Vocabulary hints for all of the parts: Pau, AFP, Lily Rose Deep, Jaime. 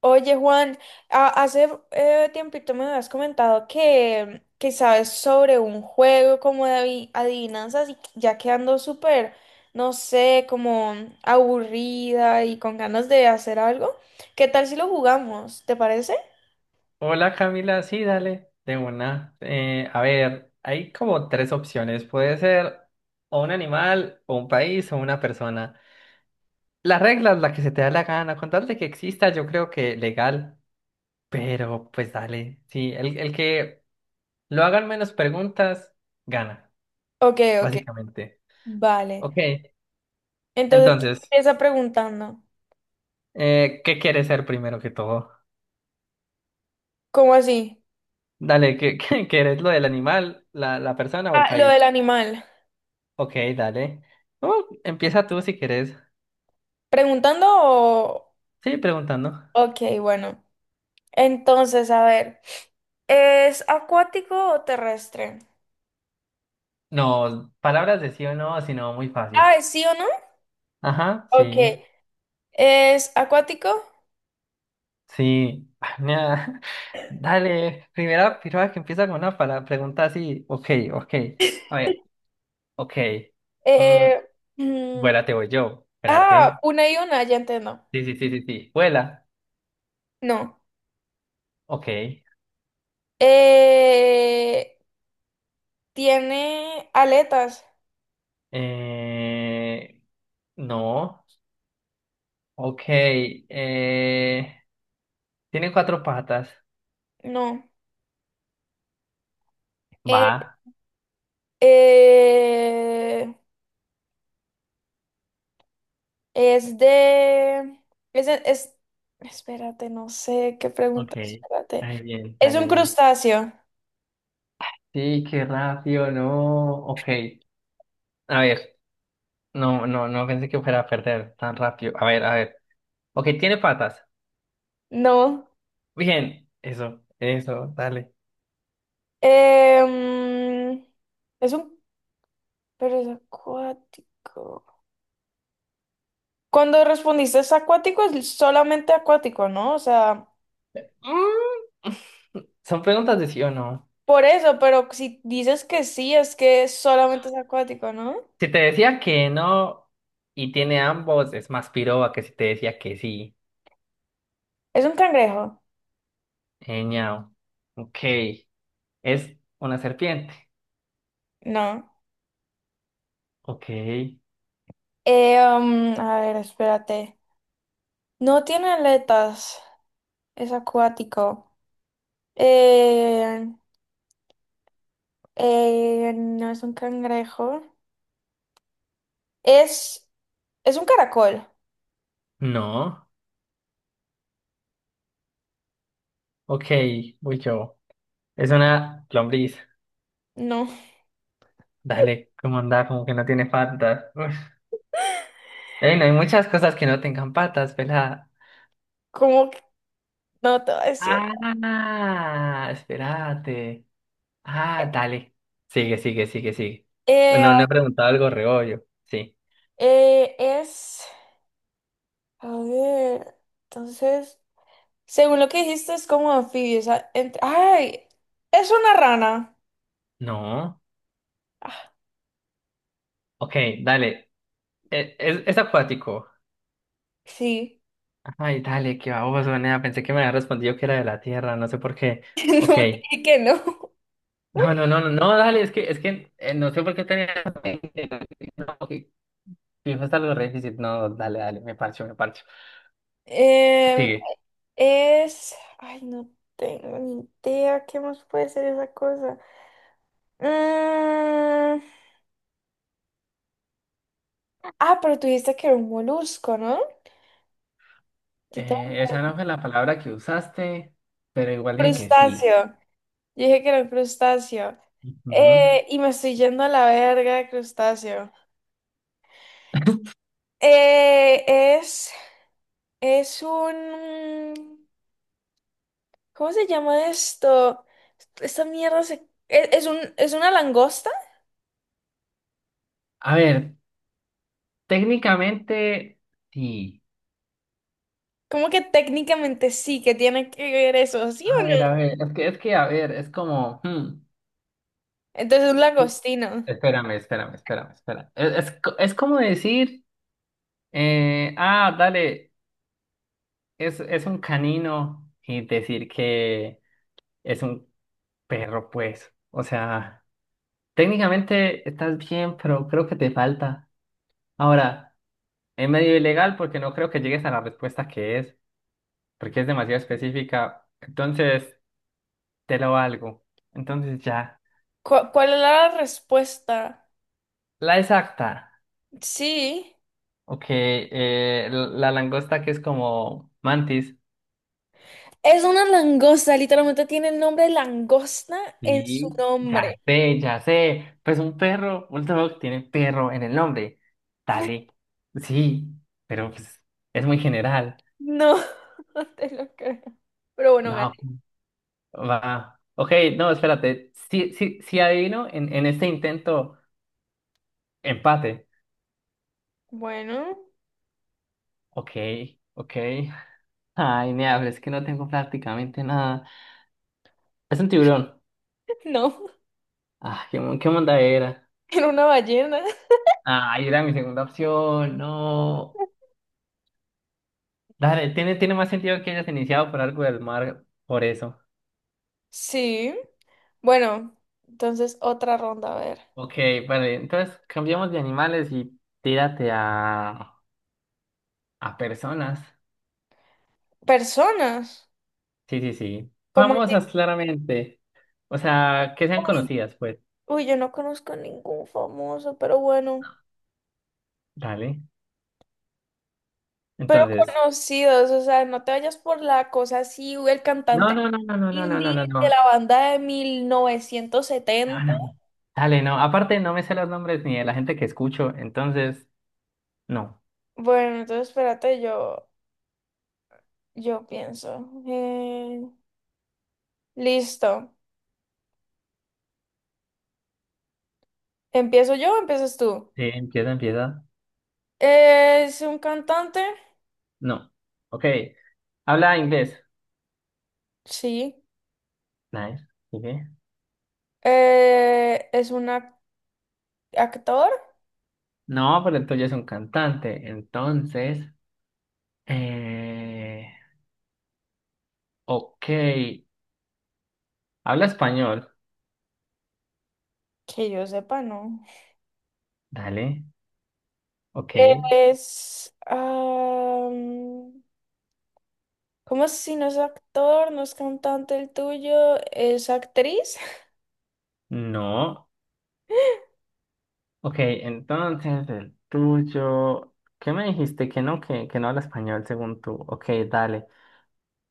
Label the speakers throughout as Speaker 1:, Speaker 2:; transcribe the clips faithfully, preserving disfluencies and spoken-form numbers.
Speaker 1: Oye, Juan, a- hace eh, tiempito me habías comentado que, que sabes sobre un juego como de avi- adivinanzas y ya quedando súper, no sé, como aburrida y con ganas de hacer algo. ¿Qué tal si lo jugamos? ¿Te parece?
Speaker 2: Hola Camila, sí, dale, de una. Eh, a ver, hay como tres opciones. Puede ser o un animal, o un país, o una persona. Las reglas, la que se te da la gana, con tal de que exista, yo creo que legal, pero pues dale, sí, el, el que lo hagan menos preguntas, gana,
Speaker 1: Ok, ok,
Speaker 2: básicamente.
Speaker 1: vale.
Speaker 2: Ok,
Speaker 1: Entonces, ¿quién
Speaker 2: entonces,
Speaker 1: empieza preguntando?
Speaker 2: eh, ¿qué quieres ser primero que todo?
Speaker 1: ¿Cómo así?
Speaker 2: Dale, ¿qué, qué quieres lo del animal, la, la persona o el
Speaker 1: Ah, lo del
Speaker 2: país?
Speaker 1: animal.
Speaker 2: Ok, dale. Oh, empieza tú si quieres.
Speaker 1: ¿Preguntando o...?
Speaker 2: Sí, preguntando.
Speaker 1: Ok, bueno. Entonces, a ver, ¿es acuático o terrestre?
Speaker 2: No, palabras de sí o no, sino muy fácil.
Speaker 1: Ah, ¿es sí o no?
Speaker 2: Ajá,
Speaker 1: Ok.
Speaker 2: sí,
Speaker 1: ¿Es acuático?
Speaker 2: sí. Ah, mira, Dale, primera piroa que empieza con una pala- pregunta así. Ok, ok. A ver, ok. Mm,
Speaker 1: Eh, mm,
Speaker 2: Vuela, te voy yo.
Speaker 1: ah,
Speaker 2: Espérate.
Speaker 1: una y una, ya entiendo.
Speaker 2: Sí, sí, sí, sí, sí. Vuela.
Speaker 1: No.
Speaker 2: Ok.
Speaker 1: Eh, ¿tiene aletas?
Speaker 2: Eh, no. Ok. Eh, tiene cuatro patas.
Speaker 1: No. Eh,
Speaker 2: Va.
Speaker 1: eh, es de... Es, de- es- Espérate, no sé qué
Speaker 2: Ok.
Speaker 1: pregunta. Espérate.
Speaker 2: Ay, bien,
Speaker 1: ¿Es
Speaker 2: dale,
Speaker 1: un
Speaker 2: dale.
Speaker 1: crustáceo?
Speaker 2: Sí, qué rápido, no. Ok, a ver, no, no, no pensé que fuera a perder tan rápido. A ver, a ver. Ok, tiene patas.
Speaker 1: No.
Speaker 2: Bien, eso, eso, dale.
Speaker 1: Em, es un... Pero es acuático. Cuando respondiste es acuático, es solamente acuático, ¿no? O sea,
Speaker 2: Mm, son preguntas de sí o no.
Speaker 1: por eso, pero si dices que sí, es que solamente es acuático, ¿no?
Speaker 2: Si te decía que no y tiene ambos, es más piroba que si te decía que sí.
Speaker 1: ¿Es un cangrejo?
Speaker 2: Eñao. Ok, es una serpiente.
Speaker 1: No.
Speaker 2: Ok,
Speaker 1: Eh, um, a ver, espérate. No tiene aletas, es acuático. Eh, eh, no es un cangrejo. Es, es un caracol.
Speaker 2: no. Ok, voy yo. Es una lombriz.
Speaker 1: No,
Speaker 2: Dale, ¿cómo anda? Como que no tiene patas. Ey, no hay muchas cosas que no tengan patas, pelada.
Speaker 1: ¿cómo que no te voy a decir?
Speaker 2: Ah, espérate. Ah, dale. Sigue, sigue, sigue, sigue.
Speaker 1: Eh,
Speaker 2: Bueno, no he preguntado algo reollo. Sí.
Speaker 1: eh, es, a ver, entonces... Según lo que dijiste, es como anfibio. O sea, ent- ¡ay! Es una rana.
Speaker 2: No.
Speaker 1: Ah,
Speaker 2: Ok, dale. Eh, Es, es acuático.
Speaker 1: sí.
Speaker 2: Ay, dale, qué baboso, nea. Pensé que me había respondido que era de la tierra, no sé por qué. Ok.
Speaker 1: No te dije que no.
Speaker 2: No, no, no, no, no, dale, es que, es que eh, no sé por qué tenía. No, ok, fijo, está algo re difícil. No, dale, dale, me parcho, me parcho.
Speaker 1: Em,
Speaker 2: Sigue.
Speaker 1: es. Ay, no tengo ni idea qué más puede ser esa cosa. Mm, Ah, pero tú dijiste que era un molusco, ¿no? Tito, un
Speaker 2: Eh, esa no fue la palabra que usaste, pero igual dije que sí,
Speaker 1: crustáceo. Yo dije que era un crustáceo.
Speaker 2: ¿no?
Speaker 1: Eh, y me estoy yendo a la verga de crustáceo. Eh, es. Es un. ¿Cómo se llama esto? Esta mierda se... ¿Es, es un, es una langosta?
Speaker 2: A ver, técnicamente sí.
Speaker 1: ¿Cómo que técnicamente sí que tiene que ver eso? ¿Sí o
Speaker 2: A ver, a
Speaker 1: no?
Speaker 2: ver, es que, es que, a ver, es como, hmm,
Speaker 1: Entonces es un langostino.
Speaker 2: espérame, espérame, espérame, espérame. Es, es, co- es como decir, eh, ah, dale, es, es un canino y decir que es un perro, pues. O sea, técnicamente estás bien, pero creo que te falta. Ahora, es medio ilegal porque no creo que llegues a la respuesta que es, porque es demasiado específica. Entonces, te lo valgo. Entonces, ya.
Speaker 1: ¿Cu- ¿Cuál es la respuesta?
Speaker 2: La exacta.
Speaker 1: Sí.
Speaker 2: Ok, eh, la langosta que es como mantis.
Speaker 1: Es una langosta, literalmente tiene el nombre langosta en su
Speaker 2: Sí.
Speaker 1: nombre.
Speaker 2: Ya sé, ya sé. Pues un perro, un dog tiene perro en el nombre. Dale. Sí, pero pues, es muy general.
Speaker 1: No, no te lo creo. Pero bueno,
Speaker 2: No,
Speaker 1: gané.
Speaker 2: va. Ok, no, espérate. Si, si, si adivino en, en este intento, empate.
Speaker 1: Bueno,
Speaker 2: Ok, ok. Ay, me habla, es que no tengo prácticamente nada. Es un tiburón.
Speaker 1: no.
Speaker 2: Ah, qué, mon- qué monda era.
Speaker 1: Era una ballena.
Speaker 2: Ay, era mi segunda opción. No. Dale, tiene, tiene más sentido que hayas iniciado por algo del mar, por eso.
Speaker 1: Sí. Bueno, entonces otra ronda, a ver.
Speaker 2: Ok, vale, entonces cambiamos de animales y tírate a, a personas.
Speaker 1: Personas.
Speaker 2: Sí, sí, sí.
Speaker 1: Como así,
Speaker 2: Famosas, claramente. O sea, que sean
Speaker 1: uy,
Speaker 2: conocidas, pues.
Speaker 1: uy, yo no conozco ningún famoso, pero bueno,
Speaker 2: Dale. Entonces.
Speaker 1: conocidos, o sea, no te vayas por la cosa así, uy, el
Speaker 2: No,
Speaker 1: cantante
Speaker 2: no, no, no, no, no, no,
Speaker 1: indie
Speaker 2: no, no,
Speaker 1: de
Speaker 2: no.
Speaker 1: la banda de mil novecientos
Speaker 2: No,
Speaker 1: setenta
Speaker 2: no. Dale, no. Aparte, no me sé los nombres ni de la gente que escucho, entonces, no.
Speaker 1: Bueno, entonces espérate, yo, yo pienso. Eh, listo. ¿Empiezo yo o empiezas tú?
Speaker 2: Sí, empieza, empieza.
Speaker 1: ¿Es un cantante?
Speaker 2: No. Ok. Habla inglés.
Speaker 1: Sí.
Speaker 2: Nice. Sigue.
Speaker 1: Eh, ¿es un ac- actor?
Speaker 2: No, pero el tuyo es un cantante. Entonces, eh... ok. Habla español.
Speaker 1: Que yo sepa, no.
Speaker 2: Dale. Ok.
Speaker 1: Es... am, ¿cómo si no es actor, no es cantante el tuyo, es actriz?
Speaker 2: No. Ok, entonces el tuyo. ¿Qué me dijiste? Que no, que, que no habla español según tú. Ok, dale.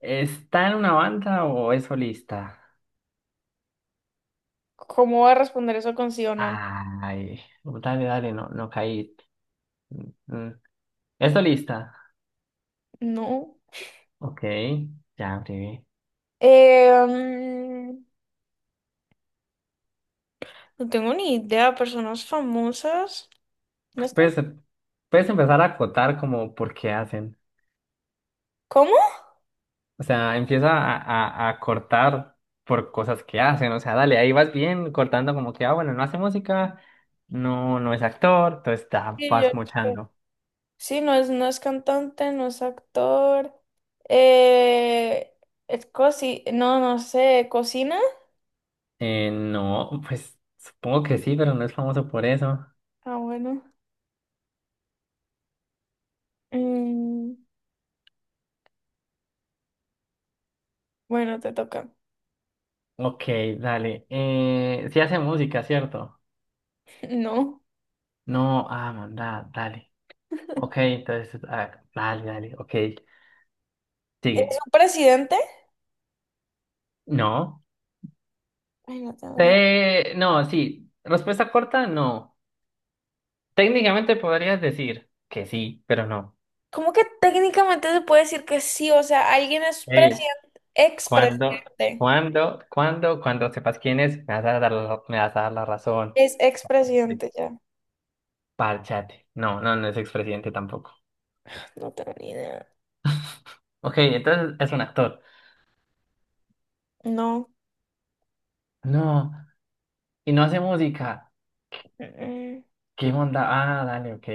Speaker 2: ¿Está en una banda o es solista?
Speaker 1: ¿Cómo va a responder eso con sí o no?
Speaker 2: Ay, dale, dale, no, no caí. Mm. ¿Esto lista?
Speaker 1: No.
Speaker 2: Ok, ya abrí.
Speaker 1: Eh, mm, no tengo ni idea, personas famosas. No
Speaker 2: Pues
Speaker 1: es can-
Speaker 2: puedes, em, puedes empezar a acotar como por qué hacen.
Speaker 1: ¿Cómo?
Speaker 2: O sea, empieza a, a, a cortar por cosas que hacen. O sea, dale, ahí vas bien cortando como que, ah, bueno, no hace música, no, no es actor, entonces ya
Speaker 1: Sí, yo-
Speaker 2: vas mochando.
Speaker 1: sí, no es, no es cantante, no es actor. Eh, es cosi, no, no sé, cocina.
Speaker 2: Eh, no, pues supongo que sí, pero no es famoso por eso.
Speaker 1: Ah, bueno. Mm, bueno, te toca.
Speaker 2: Ok, dale. Eh, sí hace música, ¿cierto?
Speaker 1: No.
Speaker 2: No, ah, manda, dale. Ok, entonces, ah, dale, dale, ok,
Speaker 1: ¿Es
Speaker 2: sigue.
Speaker 1: un presidente?
Speaker 2: No.
Speaker 1: Ay, no tengo ni
Speaker 2: Te... No, sí. Respuesta corta, no. Técnicamente podrías decir que sí, pero no.
Speaker 1: ¿cómo que técnicamente se puede decir que sí? O sea, alguien es
Speaker 2: Ey,
Speaker 1: presidente,
Speaker 2: Cuando,
Speaker 1: expresidente.
Speaker 2: cuando, cuando, cuando sepas quién es, me vas a dar la, me vas a dar la razón.
Speaker 1: Es
Speaker 2: Sí.
Speaker 1: expresidente ya.
Speaker 2: Párchate. No, no, no es expresidente tampoco.
Speaker 1: No tengo ni idea.
Speaker 2: Ok, entonces es un actor.
Speaker 1: No.
Speaker 2: No, y no hace música.
Speaker 1: Mm.
Speaker 2: ¿Qué onda? Ah, dale, ok.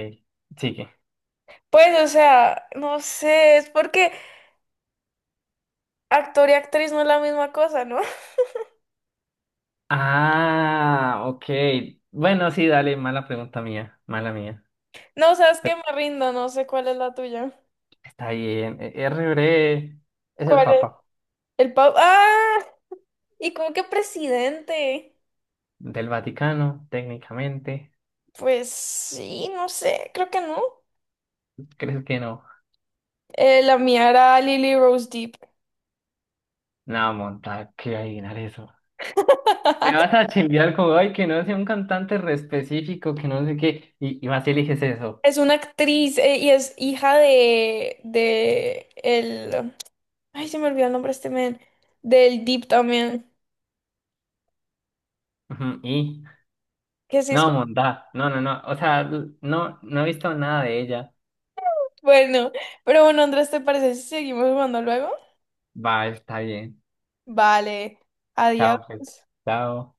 Speaker 2: Sigue.
Speaker 1: Pues, o sea, no sé, es porque actor y actriz no es la misma cosa, ¿no?
Speaker 2: Ah, ok. Bueno, sí, dale, mala pregunta mía, mala mía.
Speaker 1: No, sabes que
Speaker 2: Pero
Speaker 1: me rindo, no sé cuál es la tuya.
Speaker 2: está bien. E- R. Bre es el
Speaker 1: ¿Cuál es?
Speaker 2: Papa
Speaker 1: El Pau. ¡Ah! ¿Y cómo que presidente?
Speaker 2: del Vaticano, técnicamente.
Speaker 1: Pues sí, no sé, creo que no.
Speaker 2: ¿Crees que no?
Speaker 1: Eh, la mía era Lily Rose Deep.
Speaker 2: No, monta, que adivinar eso. Me vas a chimbiar como, ay, que no sea un cantante re específico, que no sé qué, y, y vas y eliges eso.
Speaker 1: Es una actriz eh, y es hija de, de el, ay, se me olvidó el nombre de este men, del Deep también,
Speaker 2: Ujú, Y,
Speaker 1: que sí es
Speaker 2: no,
Speaker 1: como-
Speaker 2: monta, no, no, no, o sea, l- no, no he visto nada de ella.
Speaker 1: bueno, pero bueno, Andrés, ¿te parece si seguimos jugando luego?
Speaker 2: Va, está bien.
Speaker 1: Vale, adiós.
Speaker 2: Chao, pues. Chao.